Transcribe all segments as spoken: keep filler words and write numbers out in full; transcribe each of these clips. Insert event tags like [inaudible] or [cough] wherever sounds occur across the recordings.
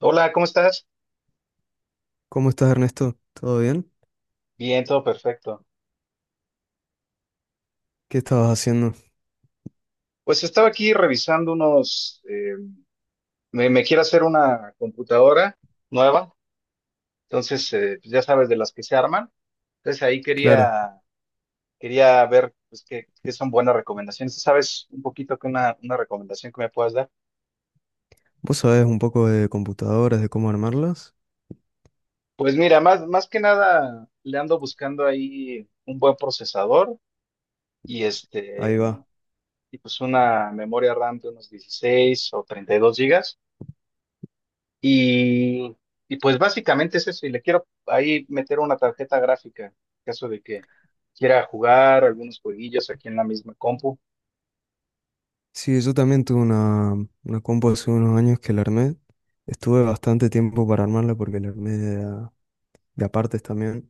Hola, ¿cómo estás? ¿Cómo estás, Ernesto? ¿Todo bien? Bien, todo perfecto. ¿Qué estabas haciendo? Pues estaba aquí revisando unos, eh, me, me quiero hacer una computadora nueva, entonces eh, pues ya sabes de las que se arman. Entonces ahí Claro, quería, quería ver pues, qué, qué son buenas recomendaciones. ¿Tú ¿Sabes un poquito que una, una recomendación que me puedas dar? vos sabés un poco de computadoras, de cómo armarlas. Pues mira, más, más que nada le ando buscando ahí un buen procesador y este, Ahí va. y pues una memoria RAM de unos dieciséis o treinta y dos gigas. Y, y pues básicamente es eso, y le quiero ahí meter una tarjeta gráfica, en caso de que quiera jugar algunos jueguillos aquí en la misma compu. Sí, yo también tuve una, una compu hace unos años que la armé. Estuve bastante tiempo para armarla porque la armé de, a- de a partes también.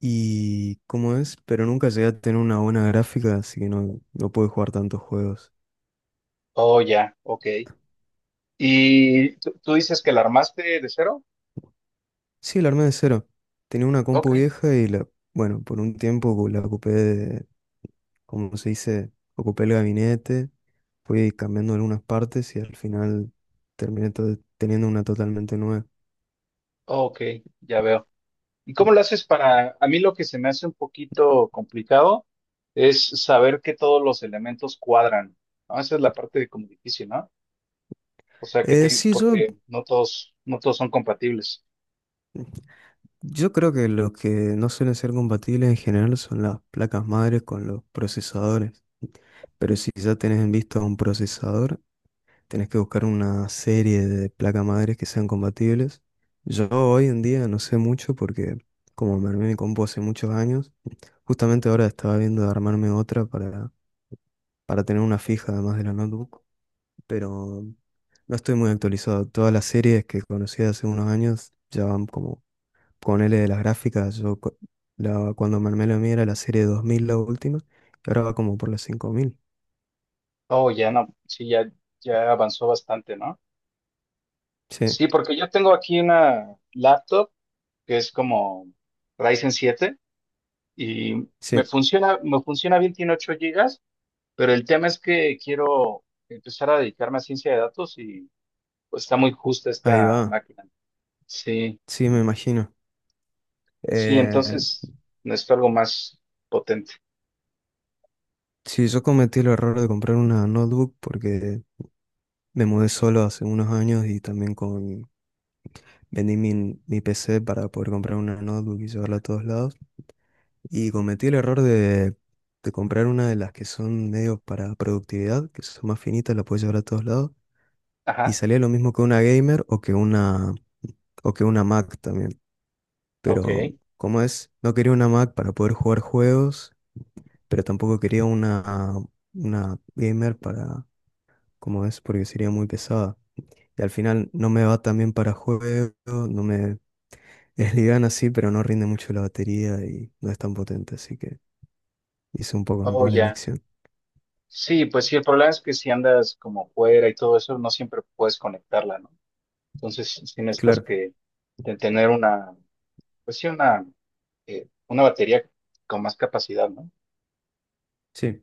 Y cómo es, pero nunca llegué a tener una buena gráfica, así que no, no pude jugar tantos juegos. Oh, ya, ok. ¿Y tú, tú dices que la armaste de cero? Sí, la armé de cero. Tenía una Ok, compu vieja y la, bueno, por un tiempo la ocupé, como se dice, ocupé el gabinete, fui cambiando algunas partes y al final terminé to- teniendo una totalmente nueva. ok, ya veo. ¿Y cómo lo haces para, a mí lo que se me hace un poquito complicado es saber que todos los elementos cuadran, ¿no? Esa es la parte como difícil, ¿no? O sea, que Eh, te, sí, yo, porque no todos, no todos son compatibles. yo creo que los que no suelen ser compatibles en general son las placas madres con los procesadores. Pero si ya tenés en vista un procesador, tenés que buscar una serie de placas madres que sean compatibles. Yo hoy en día no sé mucho porque como me armé mi compu hace muchos años, justamente ahora estaba viendo de armarme otra para para tener una fija además de la notebook, pero no estoy muy actualizado. Todas las series que conocí hace unos años ya van como con L de las gráficas. Yo cu- la- cuando me armé la mía era la serie dos mil la última, y ahora va como por las cinco mil. Oh, ya no, sí, ya, ya avanzó bastante, ¿no? Sí, Sí, porque yo tengo aquí una laptop que es como Ryzen siete y me sí, funciona, me funciona bien, tiene ocho gigas, pero el tema es que quiero empezar a dedicarme a ciencia de datos y pues está muy justa ahí esta va. máquina. Sí, Sí, me imagino. sí, Eh, entonces necesito algo más potente. sí, yo cometí el error de comprar una notebook porque me mudé solo hace unos años y también con... Vendí mi, mi P C para poder comprar una notebook y llevarla a todos lados. Y cometí el error de, de comprar una de las que son medios para productividad, que son más finitas, la puedes llevar a todos lados. Y Ajá, salía lo mismo que una gamer o que una, o que una Mac también. Pero, ok. como es? No quería una Mac para poder jugar juegos, pero tampoco quería una, una gamer para, como es? Porque sería muy pesada. Y al final no me va tan bien para juegos, no me... [laughs] Es liviana así, pero no rinde mucho la batería y no es tan potente, así que hice un poco Oh, mala ya. elección. Sí, pues sí, el problema es que si andas como fuera y todo eso, no siempre puedes conectarla, ¿no? Entonces, si necesitas Claro. que de tener una, pues sí, una, eh, una batería con más capacidad, ¿no? Sí,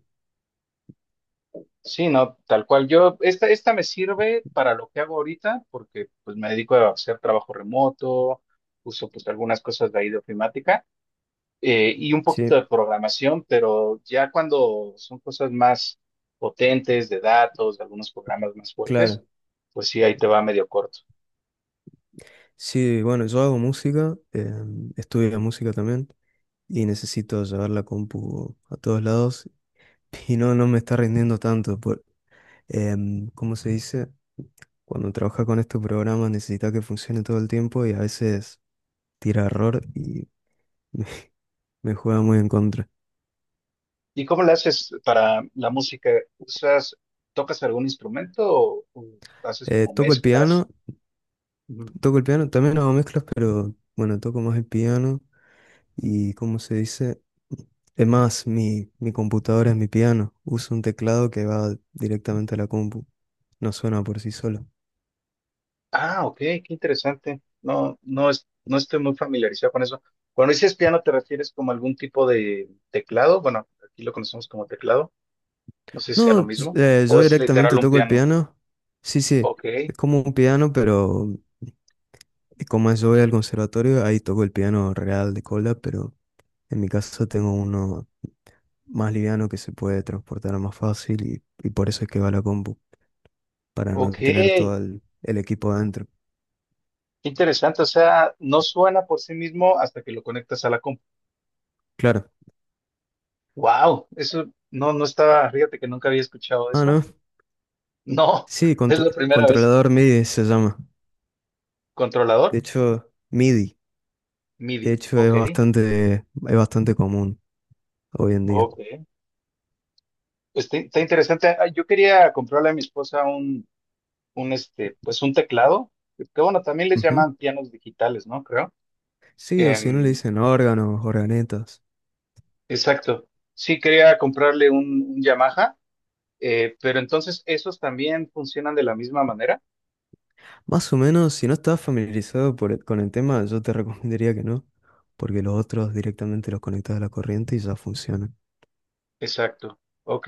Sí, no, tal cual. Yo, esta, esta me sirve para lo que hago ahorita, porque pues me dedico a hacer trabajo remoto, uso pues algunas cosas de ahí de ofimática, eh, y un poquito sí, de programación, pero ya cuando son cosas más potentes de datos, de algunos programas más fuertes, claro. pues sí, ahí te va medio corto. Sí, bueno, yo hago música, eh, estudio música también y necesito llevar la compu a todos lados [laughs] y no, no me está rindiendo tanto. Por, em, ¿cómo se dice? Cuando trabajas con estos programas necesitas que funcione todo el tiempo y a veces tira error y [laughs] me, me juega muy en contra. ¿Y cómo le haces para la música? ¿Usas, tocas algún instrumento o, o haces Eh, como toco el mezclas? piano, Ujú. toco el piano, también hago mezclas, pero bueno, toco más el piano y como se dice? Es más, mi, mi computadora es mi piano. Uso un teclado que va directamente a la compu. No suena por sí solo. Ah, ok, qué interesante. No, no es, no estoy muy familiarizado con eso. Cuando dices piano, ¿te refieres como a algún tipo de teclado? Bueno, aquí lo conocemos como teclado. No sé si sea lo No, s- mismo. eh, ¿O yo es literal directamente un toco el piano? piano. Sí, sí, Ok, es como un piano, pero eh, como yo voy al conservatorio, ahí toco el piano real de cola, pero en mi caso tengo uno más liviano que se puede transportar más fácil y, y por eso es que va a la compu, para no ok. tener Qué todo el, el equipo adentro. interesante. O sea, no suena por sí mismo hasta que lo conectas a la compu. Claro. Wow, eso no, no estaba, fíjate que nunca había escuchado Ah, eso. no. No, Sí, es cont- la primera vez. controlador M I D I se llama. De Controlador hecho, M I D I, de MIDI. hecho es Ok, bastante, es bastante común hoy en día. ok. Pues está, está interesante. Ah, yo quería comprarle a mi esposa un, un este, pues un teclado. Que bueno, también les Ujú. llaman pianos digitales, ¿no? Creo. Sí, o si no le Em, dicen órganos, organetas. exacto. Sí, quería comprarle un, un Yamaha, eh, pero entonces esos también funcionan de la misma manera. Más o menos, si no estás familiarizado por el- con el tema, yo te [laughs] recomendaría que no, porque los otros directamente los conectas a la corriente y ya funcionan. Exacto. Ok.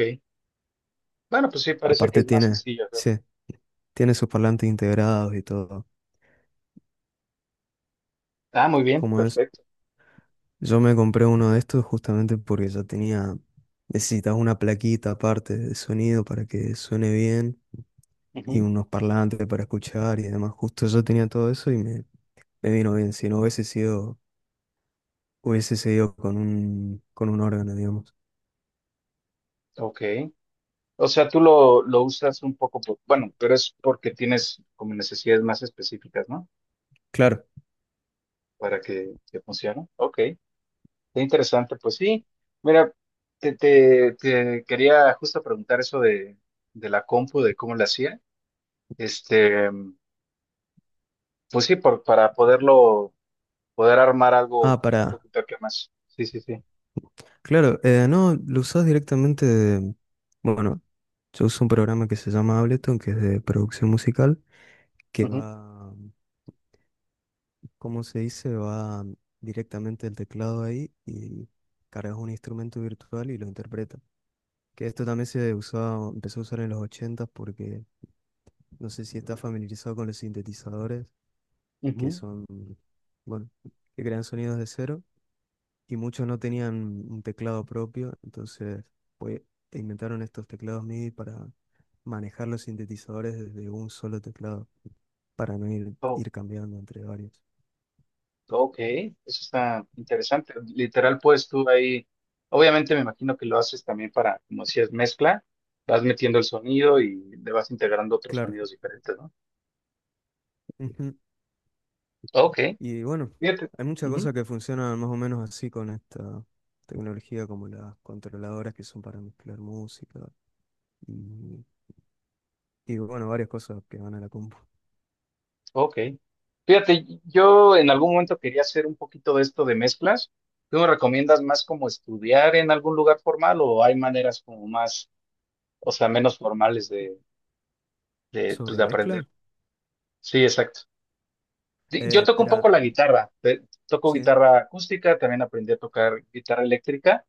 Bueno, pues sí, parece que Aparte es más tiene, sencillo, ¿no? sí, tiene sus parlantes integrados y todo. Ah, muy bien, Como es, perfecto. yo me compré uno de estos justamente porque ya tenía, necesitaba una plaquita aparte de sonido para que suene bien y Ujú, unos parlantes para escuchar y demás. Justo yo tenía todo eso y me, me vino bien. Si no hubiese sido, hubiese seguido con un, con un órgano, digamos. ok. O sea, tú lo, lo usas un poco, por- bueno, pero es porque tienes como necesidades más específicas, ¿no? Claro. Para que, que funcione. Ok, qué interesante. Pues sí, mira, te, te, te quería justo preguntar eso de, de la compu, de cómo la hacía. Este, pues sí, por, para poderlo, poder armar algo Ah, un para. poquito que más. Sí, sí, sí. Claro, eh, no, lo usás directamente de... Bueno, yo uso un programa que se llama Ableton, que es de producción musical, que Ujú, va... como se dice? Va directamente el teclado ahí y cargas un instrumento virtual y lo interpreta. Que esto también se usaba, empezó a usar en los ochenta porque no sé si estás familiarizado con los sintetizadores, que ujú. son, bueno, que crean sonidos de cero y muchos no tenían un teclado propio, entonces pues, inventaron estos teclados M I D I para manejar los sintetizadores desde un solo teclado, para no ir, ir cambiando entre varios. Ok, eso está interesante. Literal, pues tú ahí, obviamente me imagino que lo haces también para, como si es mezcla, vas metiendo el sonido y le vas integrando otros Claro. sonidos diferentes, ¿no? Ujú. Ok, Y bueno, fíjate. hay muchas Ujú, cosas que funcionan más o menos así con esta tecnología, como las controladoras que son para mezclar música y, y bueno, varias cosas que van a la compu. ok. Fíjate, yo en algún momento quería hacer un poquito de esto de mezclas. ¿Tú me recomiendas más como estudiar en algún lugar formal o hay maneras como más, o sea, menos formales de, de, pues, Sobre de aprender? mezcla, Sí, exacto. Di- Yo eh, toco un poco espera, la guitarra, te- toco sí, guitarra acústica, también aprendí a tocar guitarra eléctrica,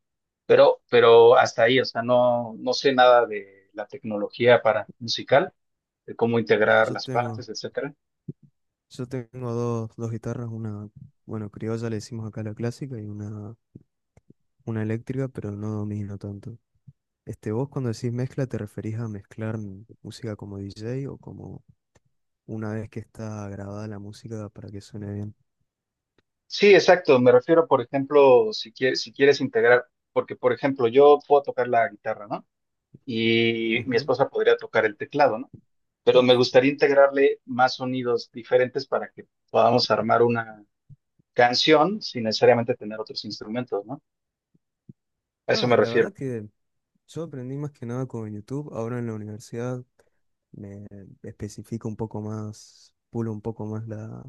pero, pero hasta ahí, o sea, no, no sé nada de la tecnología para musical, de cómo ah, integrar yo las tengo, partes, etcétera. yo tengo dos, dos guitarras, una, bueno, criolla le decimos acá la clásica y una, una eléctrica, pero no domino tanto. Este, vos cuando decís mezcla, ¿te referís a mezclar m- música como D J o como una vez que está grabada la música para que suene bien? Sí, exacto, me refiero, por ejemplo, si quieres, si quieres integrar, porque, por ejemplo, yo puedo tocar la guitarra, ¿no? Y mi Ujú. esposa podría tocar el teclado, ¿no? Pero me gustaría integrarle más sonidos diferentes para que podamos armar una canción sin necesariamente tener otros instrumentos, ¿no? A eso me Ah, la refiero. verdad que yo aprendí más que nada con YouTube. Ahora en la universidad me especifico un poco más, pulo un poco más la,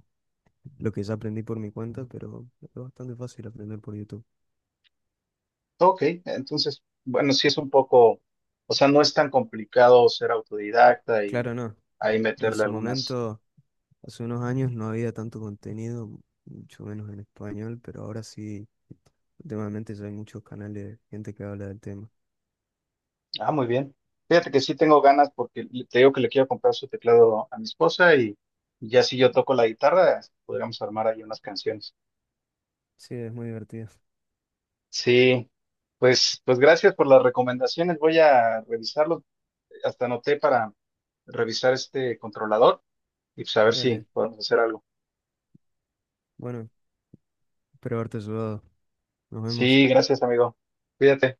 lo que ya aprendí por mi cuenta, pero es bastante fácil aprender por YouTube. Ok, entonces, bueno, sí es un poco, o sea, no es tan complicado ser autodidacta y Claro, no. ahí En meterle su algunas. momento, hace unos años no había tanto contenido, mucho menos en español, pero ahora sí, últimamente ya hay muchos canales de gente que habla del tema. Ah, muy bien. Fíjate que sí tengo ganas porque le- te digo que le quiero comprar su teclado a mi esposa y ya si yo toco la guitarra, podríamos armar ahí unas canciones. Sí, es muy divertido. Sí, pues, pues gracias por las recomendaciones. Voy a revisarlo. Hasta anoté para revisar este controlador y pues a ver si Dale. podemos hacer algo. Bueno, espero haberte ayudado. Nos vemos. Sí, gracias, amigo. Cuídate.